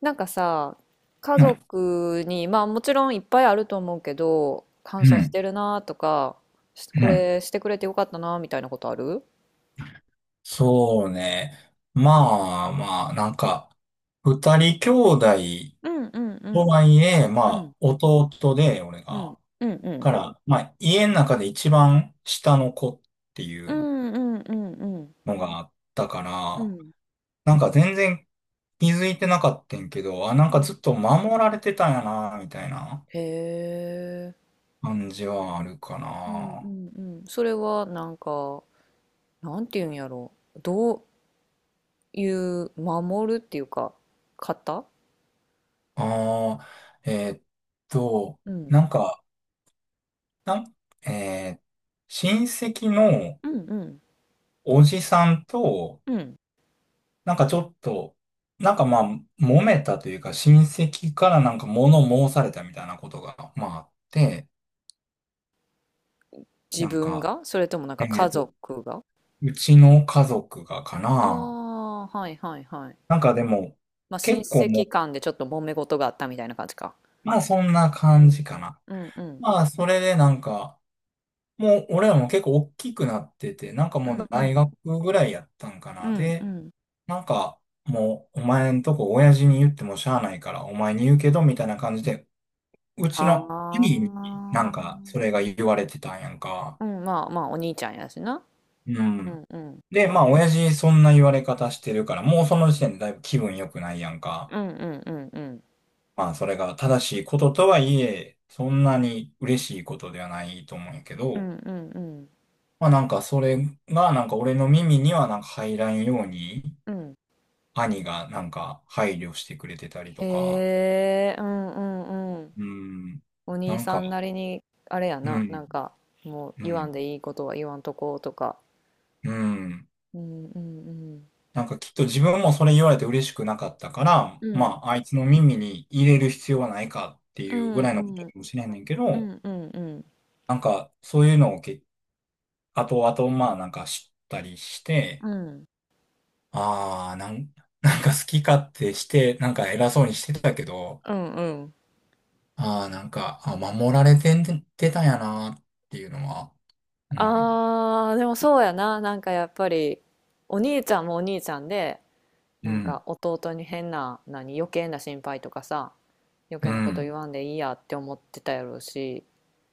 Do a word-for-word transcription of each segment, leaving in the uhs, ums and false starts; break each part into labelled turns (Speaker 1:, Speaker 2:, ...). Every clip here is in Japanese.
Speaker 1: なんかさ、家
Speaker 2: うん、
Speaker 1: 族に、まあもちろんいっぱいあると思うけど、感
Speaker 2: う
Speaker 1: 謝し
Speaker 2: ん、
Speaker 1: てるなとか、しこ
Speaker 2: うん。
Speaker 1: れしてくれてよかったなみたいなことある？
Speaker 2: そうね。まあまあ、なんか、二人兄弟
Speaker 1: うん、うん、う
Speaker 2: と
Speaker 1: ん、
Speaker 2: はいえ、ま
Speaker 1: うん、
Speaker 2: あ、弟で、俺
Speaker 1: うん、
Speaker 2: が。
Speaker 1: うん、うん、
Speaker 2: から、まあ、家の中で一番下の子ってい
Speaker 1: う
Speaker 2: う
Speaker 1: ん、うん、うん、
Speaker 2: のがあったか
Speaker 1: う
Speaker 2: ら、
Speaker 1: ん、
Speaker 2: なんか全然気づいてなかったんけど、あ、なん
Speaker 1: う
Speaker 2: か
Speaker 1: ん、
Speaker 2: ずっと守られてたんやな、みたいな
Speaker 1: へえ、
Speaker 2: 感じはあるか
Speaker 1: うん、へえ、うん、う
Speaker 2: な。
Speaker 1: ん、うん。それはなんか、なんていうんやろ、どういう守るっていうか、方？
Speaker 2: ああ、えーっと、
Speaker 1: うん、
Speaker 2: なんか、なん、えー親戚の
Speaker 1: うん、うん、
Speaker 2: おじさんと、
Speaker 1: うん。
Speaker 2: なんかちょっと、なんかまあ、揉めたというか、親戚からなんか物申されたみたいなことが、まああって、
Speaker 1: 自
Speaker 2: なん
Speaker 1: 分
Speaker 2: か、
Speaker 1: が、それともなん
Speaker 2: え
Speaker 1: か
Speaker 2: ー
Speaker 1: 家
Speaker 2: と、
Speaker 1: 族が？
Speaker 2: うちの家族がか
Speaker 1: あ
Speaker 2: な。
Speaker 1: あ、はいはいはい。
Speaker 2: なんかでも、
Speaker 1: まあ、親
Speaker 2: 結構も
Speaker 1: 戚
Speaker 2: う、
Speaker 1: 間でちょっと揉め事があったみたいな感じか。
Speaker 2: まあそんな
Speaker 1: う
Speaker 2: 感
Speaker 1: ん。
Speaker 2: じかな。
Speaker 1: うん、うん、
Speaker 2: まあ、それでなんか、もう、俺らも結構大きくなってて、なんか
Speaker 1: う
Speaker 2: も
Speaker 1: ん、
Speaker 2: う
Speaker 1: う
Speaker 2: 大
Speaker 1: ん、
Speaker 2: 学ぐらいやったんか
Speaker 1: う
Speaker 2: な。
Speaker 1: ん、う
Speaker 2: で、
Speaker 1: ん、
Speaker 2: なんか、もう、お前んとこ親父に言ってもしゃあないから、お前に言うけど、みたいな感じで、うちの
Speaker 1: は
Speaker 2: 兄にな
Speaker 1: あ、
Speaker 2: んか、それが言われてたんやんか。
Speaker 1: うん。まあまあ、お兄ちゃんやしな。
Speaker 2: う
Speaker 1: う
Speaker 2: ん。
Speaker 1: ん、うん、
Speaker 2: で、まあ、親父そんな言われ方してるから、もうその時点でだいぶ気分良くないやんか。
Speaker 1: うん、うん、うん、
Speaker 2: まあ、それが正しいこととはいえ、そんなに嬉しいことではないと思うんやけ
Speaker 1: う
Speaker 2: ど、
Speaker 1: ん、うん、うん、うん、
Speaker 2: まあなんかそれがなんか俺の耳にはなんか入らんように
Speaker 1: うん、
Speaker 2: 兄がなんか配慮してくれてたりとか、
Speaker 1: へえ、うん、うん、うん。
Speaker 2: うん、
Speaker 1: お
Speaker 2: な
Speaker 1: 兄
Speaker 2: ん
Speaker 1: さ
Speaker 2: か、
Speaker 1: んなりに、あれや
Speaker 2: う
Speaker 1: な、な
Speaker 2: ん、
Speaker 1: んか、もう
Speaker 2: う
Speaker 1: 言わん
Speaker 2: ん、
Speaker 1: でいいことは言わんとこうとか。
Speaker 2: うん。
Speaker 1: うんうん、
Speaker 2: なんかきっと自分もそれ言われて嬉しくなかったから、
Speaker 1: うん、う
Speaker 2: ま
Speaker 1: ん、
Speaker 2: ああいつの耳に入れる必要はないかって
Speaker 1: う
Speaker 2: いう
Speaker 1: ん、
Speaker 2: ぐ
Speaker 1: う
Speaker 2: らいのこ
Speaker 1: ん、う
Speaker 2: と
Speaker 1: ん、
Speaker 2: かもしれないんだけ
Speaker 1: う
Speaker 2: ど、
Speaker 1: ん、うん、
Speaker 2: なんかそういうのをけ、後々まあなんか知ったりして、
Speaker 1: うん、
Speaker 2: ああ、なん、なんか好き勝手して、なんか偉そうにしてたけど、
Speaker 1: うん。うん。
Speaker 2: ああ、なんか、あ、守られてんてたんやなっていうのは、うん、
Speaker 1: あー、でもそうやな。なんかやっぱり、お兄ちゃんもお兄ちゃんで、
Speaker 2: う
Speaker 1: なん
Speaker 2: ん、
Speaker 1: か弟に変な、何、余計な心配とかさ、余
Speaker 2: う
Speaker 1: 計なこと
Speaker 2: ん、
Speaker 1: 言わんでいいやって思ってたやろうし、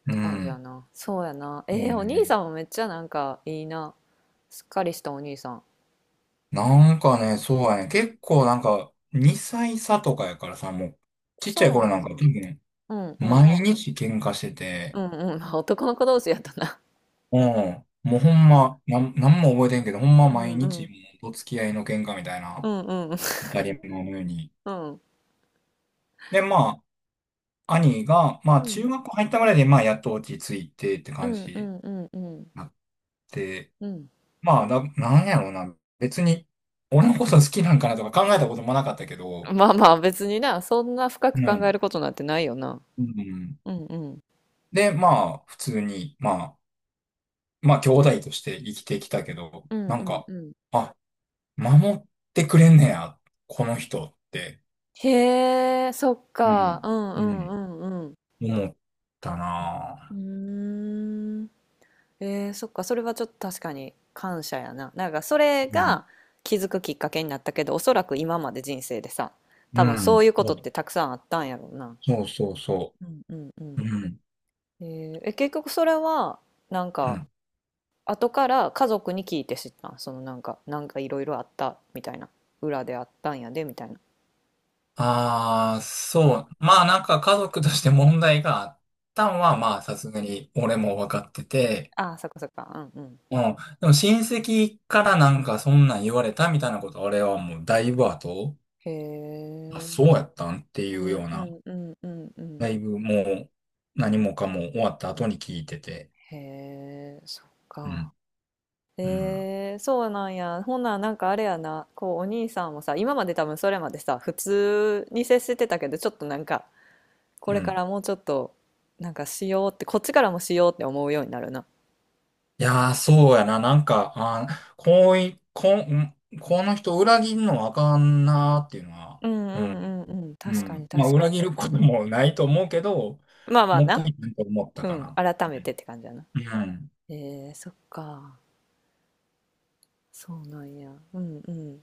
Speaker 1: っ
Speaker 2: う
Speaker 1: て感じや
Speaker 2: ん、
Speaker 1: な。そうやな。え
Speaker 2: もう
Speaker 1: ー、お兄
Speaker 2: ね、
Speaker 1: さんもめっちゃなんかいいな。すっかりしたお兄さん。
Speaker 2: なんかね、そうやね、結構なんか、にさい差とかやからさ、もう、ちっちゃい
Speaker 1: そう
Speaker 2: 頃
Speaker 1: や
Speaker 2: なんか多
Speaker 1: な。
Speaker 2: 分、
Speaker 1: うん、うん。
Speaker 2: 毎日喧嘩して
Speaker 1: う
Speaker 2: て、
Speaker 1: ん、うん。まあ男の子同士やったな。
Speaker 2: うん、もうほんま、なん、なんも覚えてんけど、ほんま
Speaker 1: う
Speaker 2: 毎
Speaker 1: ん、う
Speaker 2: 日、
Speaker 1: ん。
Speaker 2: もう、お付き合いの喧嘩みたい
Speaker 1: う
Speaker 2: な、
Speaker 1: ん、うん。
Speaker 2: 当たり前のように。
Speaker 1: うん。
Speaker 2: で、まあ、兄が、
Speaker 1: う
Speaker 2: まあ、中
Speaker 1: ん、
Speaker 2: 学校入ったぐらいで、まあ、やっと落ち着いてって
Speaker 1: う
Speaker 2: 感
Speaker 1: ん、
Speaker 2: じ
Speaker 1: う
Speaker 2: に
Speaker 1: ん、うん、うん。
Speaker 2: なって、
Speaker 1: うん。
Speaker 2: まあ、な、なんやろうな。別に、俺のこと好きなんかなとか考えたこともなかったけど、
Speaker 1: まあまあ別にな、そんな深
Speaker 2: う
Speaker 1: く考え
Speaker 2: ん。
Speaker 1: ることなんてないよな。
Speaker 2: うん。
Speaker 1: うん、うん。
Speaker 2: で、まあ、普通に、まあ、まあ、兄弟として生きてきたけど、
Speaker 1: うん、
Speaker 2: な
Speaker 1: う
Speaker 2: ん
Speaker 1: ん、
Speaker 2: か、
Speaker 1: うん。
Speaker 2: あ、守ってくれんねや、この人って、
Speaker 1: へえ、そっ
Speaker 2: う
Speaker 1: か。
Speaker 2: ん。
Speaker 1: うん、
Speaker 2: う
Speaker 1: う
Speaker 2: ん。
Speaker 1: ん、うん、うん。
Speaker 2: 思ったな
Speaker 1: うーん。えー、そっか。それはちょっと確かに感謝やな。なんかそれ
Speaker 2: ぁ。うん。
Speaker 1: が気づくきっかけになったけど、おそらく今まで人生でさ、
Speaker 2: う
Speaker 1: 多分そ
Speaker 2: ん。
Speaker 1: ういうことってたくさんあったんやろうな。
Speaker 2: そうそうそ
Speaker 1: うん、うん、う
Speaker 2: う。そう
Speaker 1: ん。
Speaker 2: うん。
Speaker 1: えーえ結局それは、なん
Speaker 2: う
Speaker 1: か
Speaker 2: ん
Speaker 1: 後から家族に聞いて知ったん？その、なんかなんかいろいろあったみたいな、裏であったんやでみたいな。
Speaker 2: ああ、そう。まあなんか家族として問題があったん
Speaker 1: う
Speaker 2: は、ま
Speaker 1: ん、
Speaker 2: あさすがに俺も分かってて、
Speaker 1: ああ、そっか、そっか、うん、うん、
Speaker 2: うん。でも親戚からなんかそんなん言われたみたいなこと、俺はもうだいぶ後、
Speaker 1: へ
Speaker 2: あ、
Speaker 1: え、
Speaker 2: そうやったんって
Speaker 1: う
Speaker 2: いう
Speaker 1: ん、
Speaker 2: よう
Speaker 1: う
Speaker 2: な、
Speaker 1: ん、うん、うん、う
Speaker 2: だ
Speaker 1: ん、
Speaker 2: いぶもう何もかも終わった後に聞いてて。
Speaker 1: へえ、そっ
Speaker 2: う
Speaker 1: か。
Speaker 2: ん。うん。
Speaker 1: えー、そうなんや。ほんなら、なんかあれやな、こうお兄さんもさ、今まで多分それまでさ、普通に接してたけど、ちょっとなんか、こ
Speaker 2: う
Speaker 1: れか
Speaker 2: ん。
Speaker 1: らもうちょっとなんかしようって、こっちからもしようって思うようになるな。
Speaker 2: いやー、そうやな。なんか、あー、こうい、こん、この人裏切んのあかんなーっていうのは、
Speaker 1: うん、う
Speaker 2: うん
Speaker 1: ん、うん、うん。
Speaker 2: う
Speaker 1: 確かに、
Speaker 2: ん。まあ、
Speaker 1: 確か
Speaker 2: 裏
Speaker 1: に。
Speaker 2: 切ることもないと思うけど、
Speaker 1: まあまあ
Speaker 2: もう一
Speaker 1: な。
Speaker 2: 回なんか思った
Speaker 1: う
Speaker 2: か
Speaker 1: ん、
Speaker 2: な。
Speaker 1: 改めてって感じやな。
Speaker 2: うん。うん
Speaker 1: えー、そっか。そうなんや。うん、うん。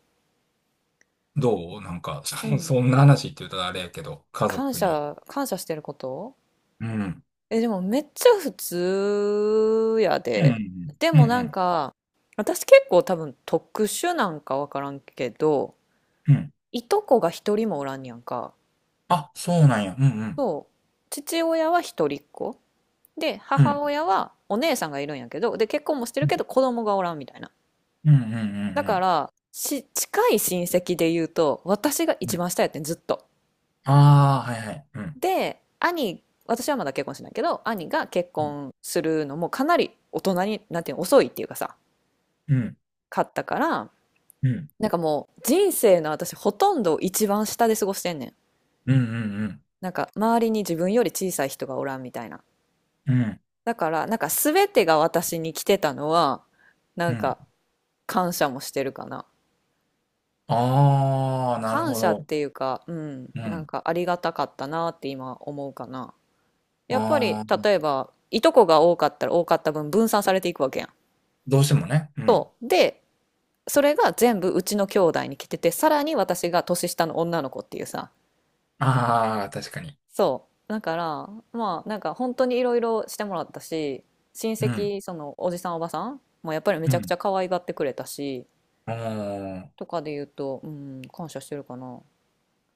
Speaker 2: どうなんか、
Speaker 1: う
Speaker 2: そ、
Speaker 1: ん。
Speaker 2: そんな話って言うとあれやけど、家
Speaker 1: 感
Speaker 2: 族に。
Speaker 1: 謝、感謝してること。
Speaker 2: うん。
Speaker 1: え、でもめっちゃ普通や
Speaker 2: うんう
Speaker 1: で。
Speaker 2: ん。
Speaker 1: で
Speaker 2: うん
Speaker 1: もなん
Speaker 2: う
Speaker 1: か、私結構多分特殊なんかわからんけど、
Speaker 2: ん。うん。
Speaker 1: いとこが一人もおらんねやんか。
Speaker 2: あ、そうなんや。うんうん。
Speaker 1: そう。父親は一人っ子。で、
Speaker 2: う
Speaker 1: 母
Speaker 2: ん。
Speaker 1: 親はお姉さんがいるんやけど、で、結婚もしてるけど子供がおらんみたいな。
Speaker 2: うんうんう
Speaker 1: だ
Speaker 2: ん
Speaker 1: か
Speaker 2: う
Speaker 1: ら、し、近い親戚で言うと、私が
Speaker 2: んう
Speaker 1: 一
Speaker 2: ん。
Speaker 1: 番下やってん、ずっと。
Speaker 2: ああー、はいはい。うん。
Speaker 1: で、兄、私はまだ結婚してないけど、兄が結婚するのもかなり大人に、なんていうの、遅いっていうかさ、
Speaker 2: うん。
Speaker 1: 買ったから、
Speaker 2: うん。
Speaker 1: なんかもう人生の私ほとんど一番下で過ごしてんねん。
Speaker 2: うんうん
Speaker 1: なんか周りに自分より小さい人がおらんみたいな。
Speaker 2: うん。うん。
Speaker 1: だから、なんか全てが私に来てたのはな
Speaker 2: う
Speaker 1: ん
Speaker 2: ん。
Speaker 1: か感謝もしてるかな。
Speaker 2: ああ、なる
Speaker 1: 感
Speaker 2: ほ
Speaker 1: 謝っ
Speaker 2: ど。
Speaker 1: ていうか、うん、
Speaker 2: う
Speaker 1: なん
Speaker 2: ん。
Speaker 1: かありがたかったなって今思うかな。やっぱ
Speaker 2: あ
Speaker 1: り、
Speaker 2: あ、
Speaker 1: 例えば、いとこが多かったら多かった分、分散されていくわけやん。
Speaker 2: どうしてもね。うん。
Speaker 1: そう。で、それが全部うちの兄弟に来てて、さらに私が年下の女の子っていうさ。
Speaker 2: ああ、確かに。
Speaker 1: そう。だから、まあ、なんか本当にいろいろしてもらったし、親
Speaker 2: うん。
Speaker 1: 戚、その、おじさんおばさんもやっぱりめ
Speaker 2: う
Speaker 1: ちゃくち
Speaker 2: ん。
Speaker 1: ゃ可愛がってくれたし、
Speaker 2: ああ。
Speaker 1: とかで言うと、うん、感謝してるかな。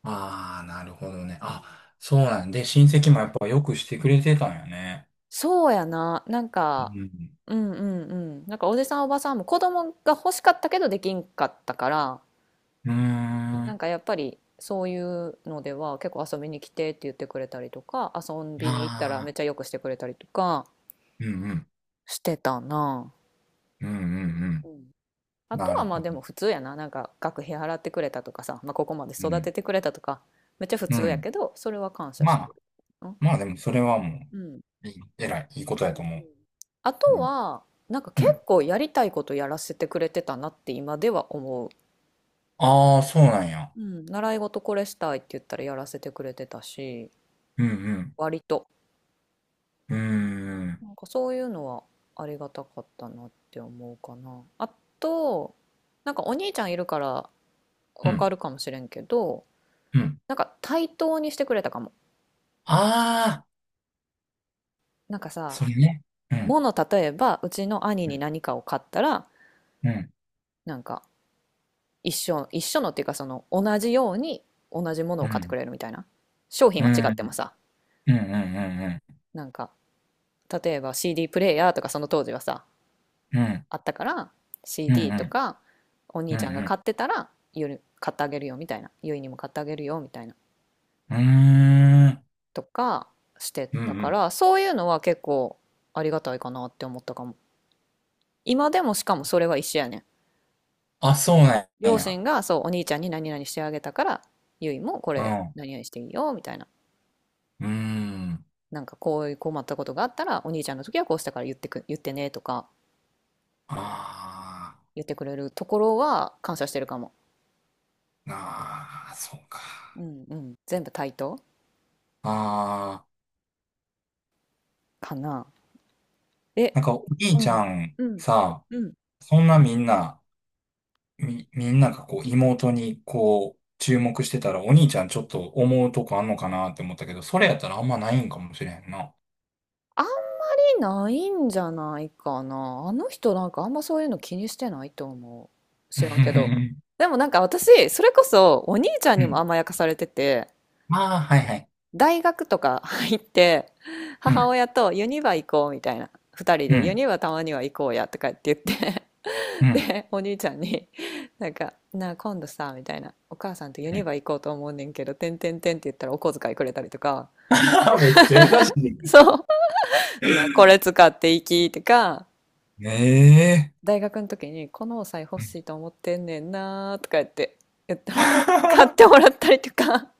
Speaker 2: ああ、なるほどね。あ、そうなんで、親戚もやっぱよくしてくれてたんよね。
Speaker 1: そうやな。なん
Speaker 2: う
Speaker 1: か、
Speaker 2: ん。
Speaker 1: うん、うん、うん。なんかおじさんおばさんも子供が欲しかったけどできんかったから、
Speaker 2: うー
Speaker 1: なん
Speaker 2: ん。
Speaker 1: かやっぱりそういうのでは結構遊びに来てって言ってくれたりとか、遊びに行ったらめっ
Speaker 2: ああ、
Speaker 1: ちゃよくしてくれたりとか
Speaker 2: うんうん。
Speaker 1: してたな。
Speaker 2: うんうんう
Speaker 1: う
Speaker 2: ん。
Speaker 1: ん。あと
Speaker 2: なる
Speaker 1: はまあ
Speaker 2: ほど。
Speaker 1: でも普通やな。なんか学費払ってくれたとかさ、まあ、ここまで
Speaker 2: う
Speaker 1: 育て
Speaker 2: ん。
Speaker 1: てくれたとか、めっちゃ普
Speaker 2: う
Speaker 1: 通や
Speaker 2: ん。
Speaker 1: けど、それは感謝
Speaker 2: ま
Speaker 1: してる。
Speaker 2: あ、
Speaker 1: うん。
Speaker 2: まあでもそれはも
Speaker 1: うん。
Speaker 2: う、いい、えらい、いいこと
Speaker 1: う
Speaker 2: や
Speaker 1: ん。
Speaker 2: と思
Speaker 1: あと
Speaker 2: う。うん。
Speaker 1: は、なんか
Speaker 2: う
Speaker 1: 結
Speaker 2: ん。
Speaker 1: 構やりたいことやらせてくれてたなって今では思う。
Speaker 2: ああ、そうなんや。
Speaker 1: うん。習い事これしたいって言ったらやらせてくれてたし、
Speaker 2: うん
Speaker 1: 割と。
Speaker 2: うん。うーん。
Speaker 1: なんかそういうのはありがたかったなって思うかな。あと、なんかお兄ちゃんいるから
Speaker 2: う
Speaker 1: わか
Speaker 2: ん。
Speaker 1: るかもしれんけど、
Speaker 2: うん。
Speaker 1: なんか対等にしてくれたかも。
Speaker 2: ああ、
Speaker 1: なんかさ、
Speaker 2: それね。うん。
Speaker 1: もの例えばうちの兄
Speaker 2: う
Speaker 1: に
Speaker 2: ん。
Speaker 1: 何かを買ったら、
Speaker 2: うん。
Speaker 1: なんか、一緒、一緒のっていうか、その同じように同じもの
Speaker 2: う
Speaker 1: を買ってく
Speaker 2: ん。
Speaker 1: れるみたいな。商品
Speaker 2: う
Speaker 1: は違っても
Speaker 2: ん。
Speaker 1: さ、
Speaker 2: うん。うん。うん。
Speaker 1: なんか例えば シーディー プレイヤーとかその当時はさ、
Speaker 2: うん。
Speaker 1: あったから、
Speaker 2: うん。うん。
Speaker 1: シーディー
Speaker 2: う
Speaker 1: と
Speaker 2: ん。
Speaker 1: かお
Speaker 2: う
Speaker 1: 兄
Speaker 2: ん。
Speaker 1: ちゃんが
Speaker 2: うん
Speaker 1: 買ってたら、ゆ買ってあげるよみたいな、ゆいにも買ってあげるよみたいな
Speaker 2: うーん。
Speaker 1: とかして
Speaker 2: うんう
Speaker 1: たか
Speaker 2: ん。
Speaker 1: ら、そういうのは結構ありがたいかなって思ったかも。今でもしかもそれは一緒やねん。
Speaker 2: あ、そうなん
Speaker 1: 両
Speaker 2: や。
Speaker 1: 親がそうお兄ちゃんに何々してあげたから、ゆいもこ
Speaker 2: うん。
Speaker 1: れ
Speaker 2: う
Speaker 1: 何々していいよみたいな、
Speaker 2: ーん。
Speaker 1: なんかこういう困ったことがあったらお兄ちゃんの時はこうしたから、言ってく言ってねとか
Speaker 2: あ
Speaker 1: 言ってくれるところは感謝してるかも。
Speaker 2: ーあー、そうか。
Speaker 1: うん、うん、全部対等
Speaker 2: ああ、
Speaker 1: かな。え、
Speaker 2: なんかお兄
Speaker 1: う
Speaker 2: ちゃ
Speaker 1: ん。
Speaker 2: ん
Speaker 1: うん。
Speaker 2: さ、
Speaker 1: うん。
Speaker 2: そんなみんな、み、みんながこう妹にこう注目してたらお兄ちゃんちょっと思うとこあんのかなって思ったけど、それやったらあんまないんかもしれへんな。
Speaker 1: あんまりないんじゃないかな。あの人なんかあんまそういうの気にしてないと思う。
Speaker 2: う
Speaker 1: 知らんけど。
Speaker 2: ん
Speaker 1: でもなんか私、それこそお兄ちゃ ん
Speaker 2: う
Speaker 1: にも
Speaker 2: ん。
Speaker 1: 甘やかされてて、
Speaker 2: ああ、はいはい。
Speaker 1: 大学とか 入って、
Speaker 2: う
Speaker 1: 母
Speaker 2: ん。
Speaker 1: 親とユニバ行こうみたいな。二人
Speaker 2: う
Speaker 1: でユ
Speaker 2: ん。
Speaker 1: ニバたまには行こうやとかって言って
Speaker 2: う ん。
Speaker 1: で、お兄ちゃんになんか、なあ今度さ、みたいな。お母さんとユ
Speaker 2: う
Speaker 1: ニ
Speaker 2: ん
Speaker 1: バ行こうと思うねんけど、てんてんてんって言ったらお小遣いくれたりとか。
Speaker 2: めっちゃ優しい。
Speaker 1: そう。そんなこれ使っていきとか、
Speaker 2: ねえ。
Speaker 1: 大学の時にこのお財布欲しい と思ってんねんなーとか言って、言った
Speaker 2: う
Speaker 1: ら、買っ
Speaker 2: ん
Speaker 1: てもらったりとか、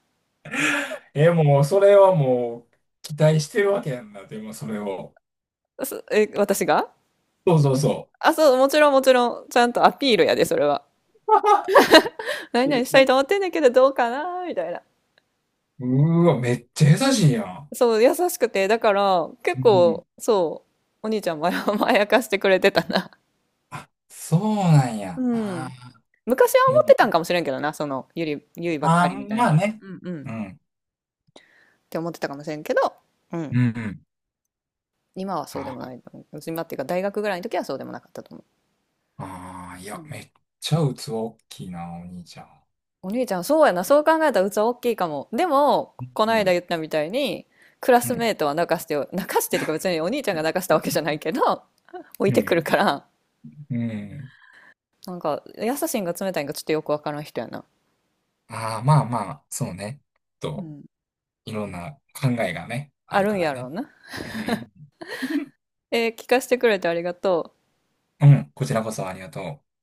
Speaker 2: え、もう、それはもう、期待してるわけやんな、でも、それを。
Speaker 1: そ え、私が
Speaker 2: そうそうそ
Speaker 1: あ、そう、もちろんもちろん、ちゃんとアピールやで、それは。何々したいと思ってんねんけど、どうかなーみたいな。
Speaker 2: う。うーわ、めっちゃ優しいやん。
Speaker 1: そう、優しくて、だから、結
Speaker 2: うん。
Speaker 1: 構、そう、お兄ちゃんも 甘やかしてくれてたな。
Speaker 2: あ、そうなんや。
Speaker 1: う
Speaker 2: あ
Speaker 1: ん。昔は
Speaker 2: ーも
Speaker 1: 思ってた
Speaker 2: う、
Speaker 1: んかもしれんけどな、その、ゆり、ゆいばっか
Speaker 2: あ
Speaker 1: りみ
Speaker 2: ー、
Speaker 1: たい
Speaker 2: ま
Speaker 1: な。
Speaker 2: あね。
Speaker 1: うん、うん。っ
Speaker 2: うん。
Speaker 1: て思ってたかもしれんけど、う
Speaker 2: う
Speaker 1: ん。
Speaker 2: んうん。
Speaker 1: 今はそうでもな
Speaker 2: あ
Speaker 1: いと思う。今っていうか大学ぐらいの時はそうでもなかったと思
Speaker 2: あー、い
Speaker 1: う。う
Speaker 2: や、
Speaker 1: ん。
Speaker 2: めっちゃ器大きいな、お兄ちゃん。
Speaker 1: お兄ちゃん、そうやな。そう考えたら器大きいかも。でも
Speaker 2: う
Speaker 1: この間
Speaker 2: ん。
Speaker 1: 言ったみたいに、クラ
Speaker 2: う
Speaker 1: スメ
Speaker 2: ん。
Speaker 1: ートは泣かしてよ泣かしてっていうか、別にお兄ちゃんが泣かしたわけじゃないけど 置い
Speaker 2: う
Speaker 1: てくる
Speaker 2: ん。
Speaker 1: から、
Speaker 2: うん。うん
Speaker 1: なんか優しいんか冷たいんかちょっとよくわからん人やな。
Speaker 2: ああ、まあまあ、そうね。
Speaker 1: う
Speaker 2: と、
Speaker 1: ん、
Speaker 2: いろんな考えがね、あ
Speaker 1: あ
Speaker 2: る
Speaker 1: るん
Speaker 2: か
Speaker 1: や
Speaker 2: ら
Speaker 1: ろう
Speaker 2: ね。
Speaker 1: な。
Speaker 2: うん。
Speaker 1: えー聞かせてくれてありがとう。
Speaker 2: うん。こちらこそありがとう。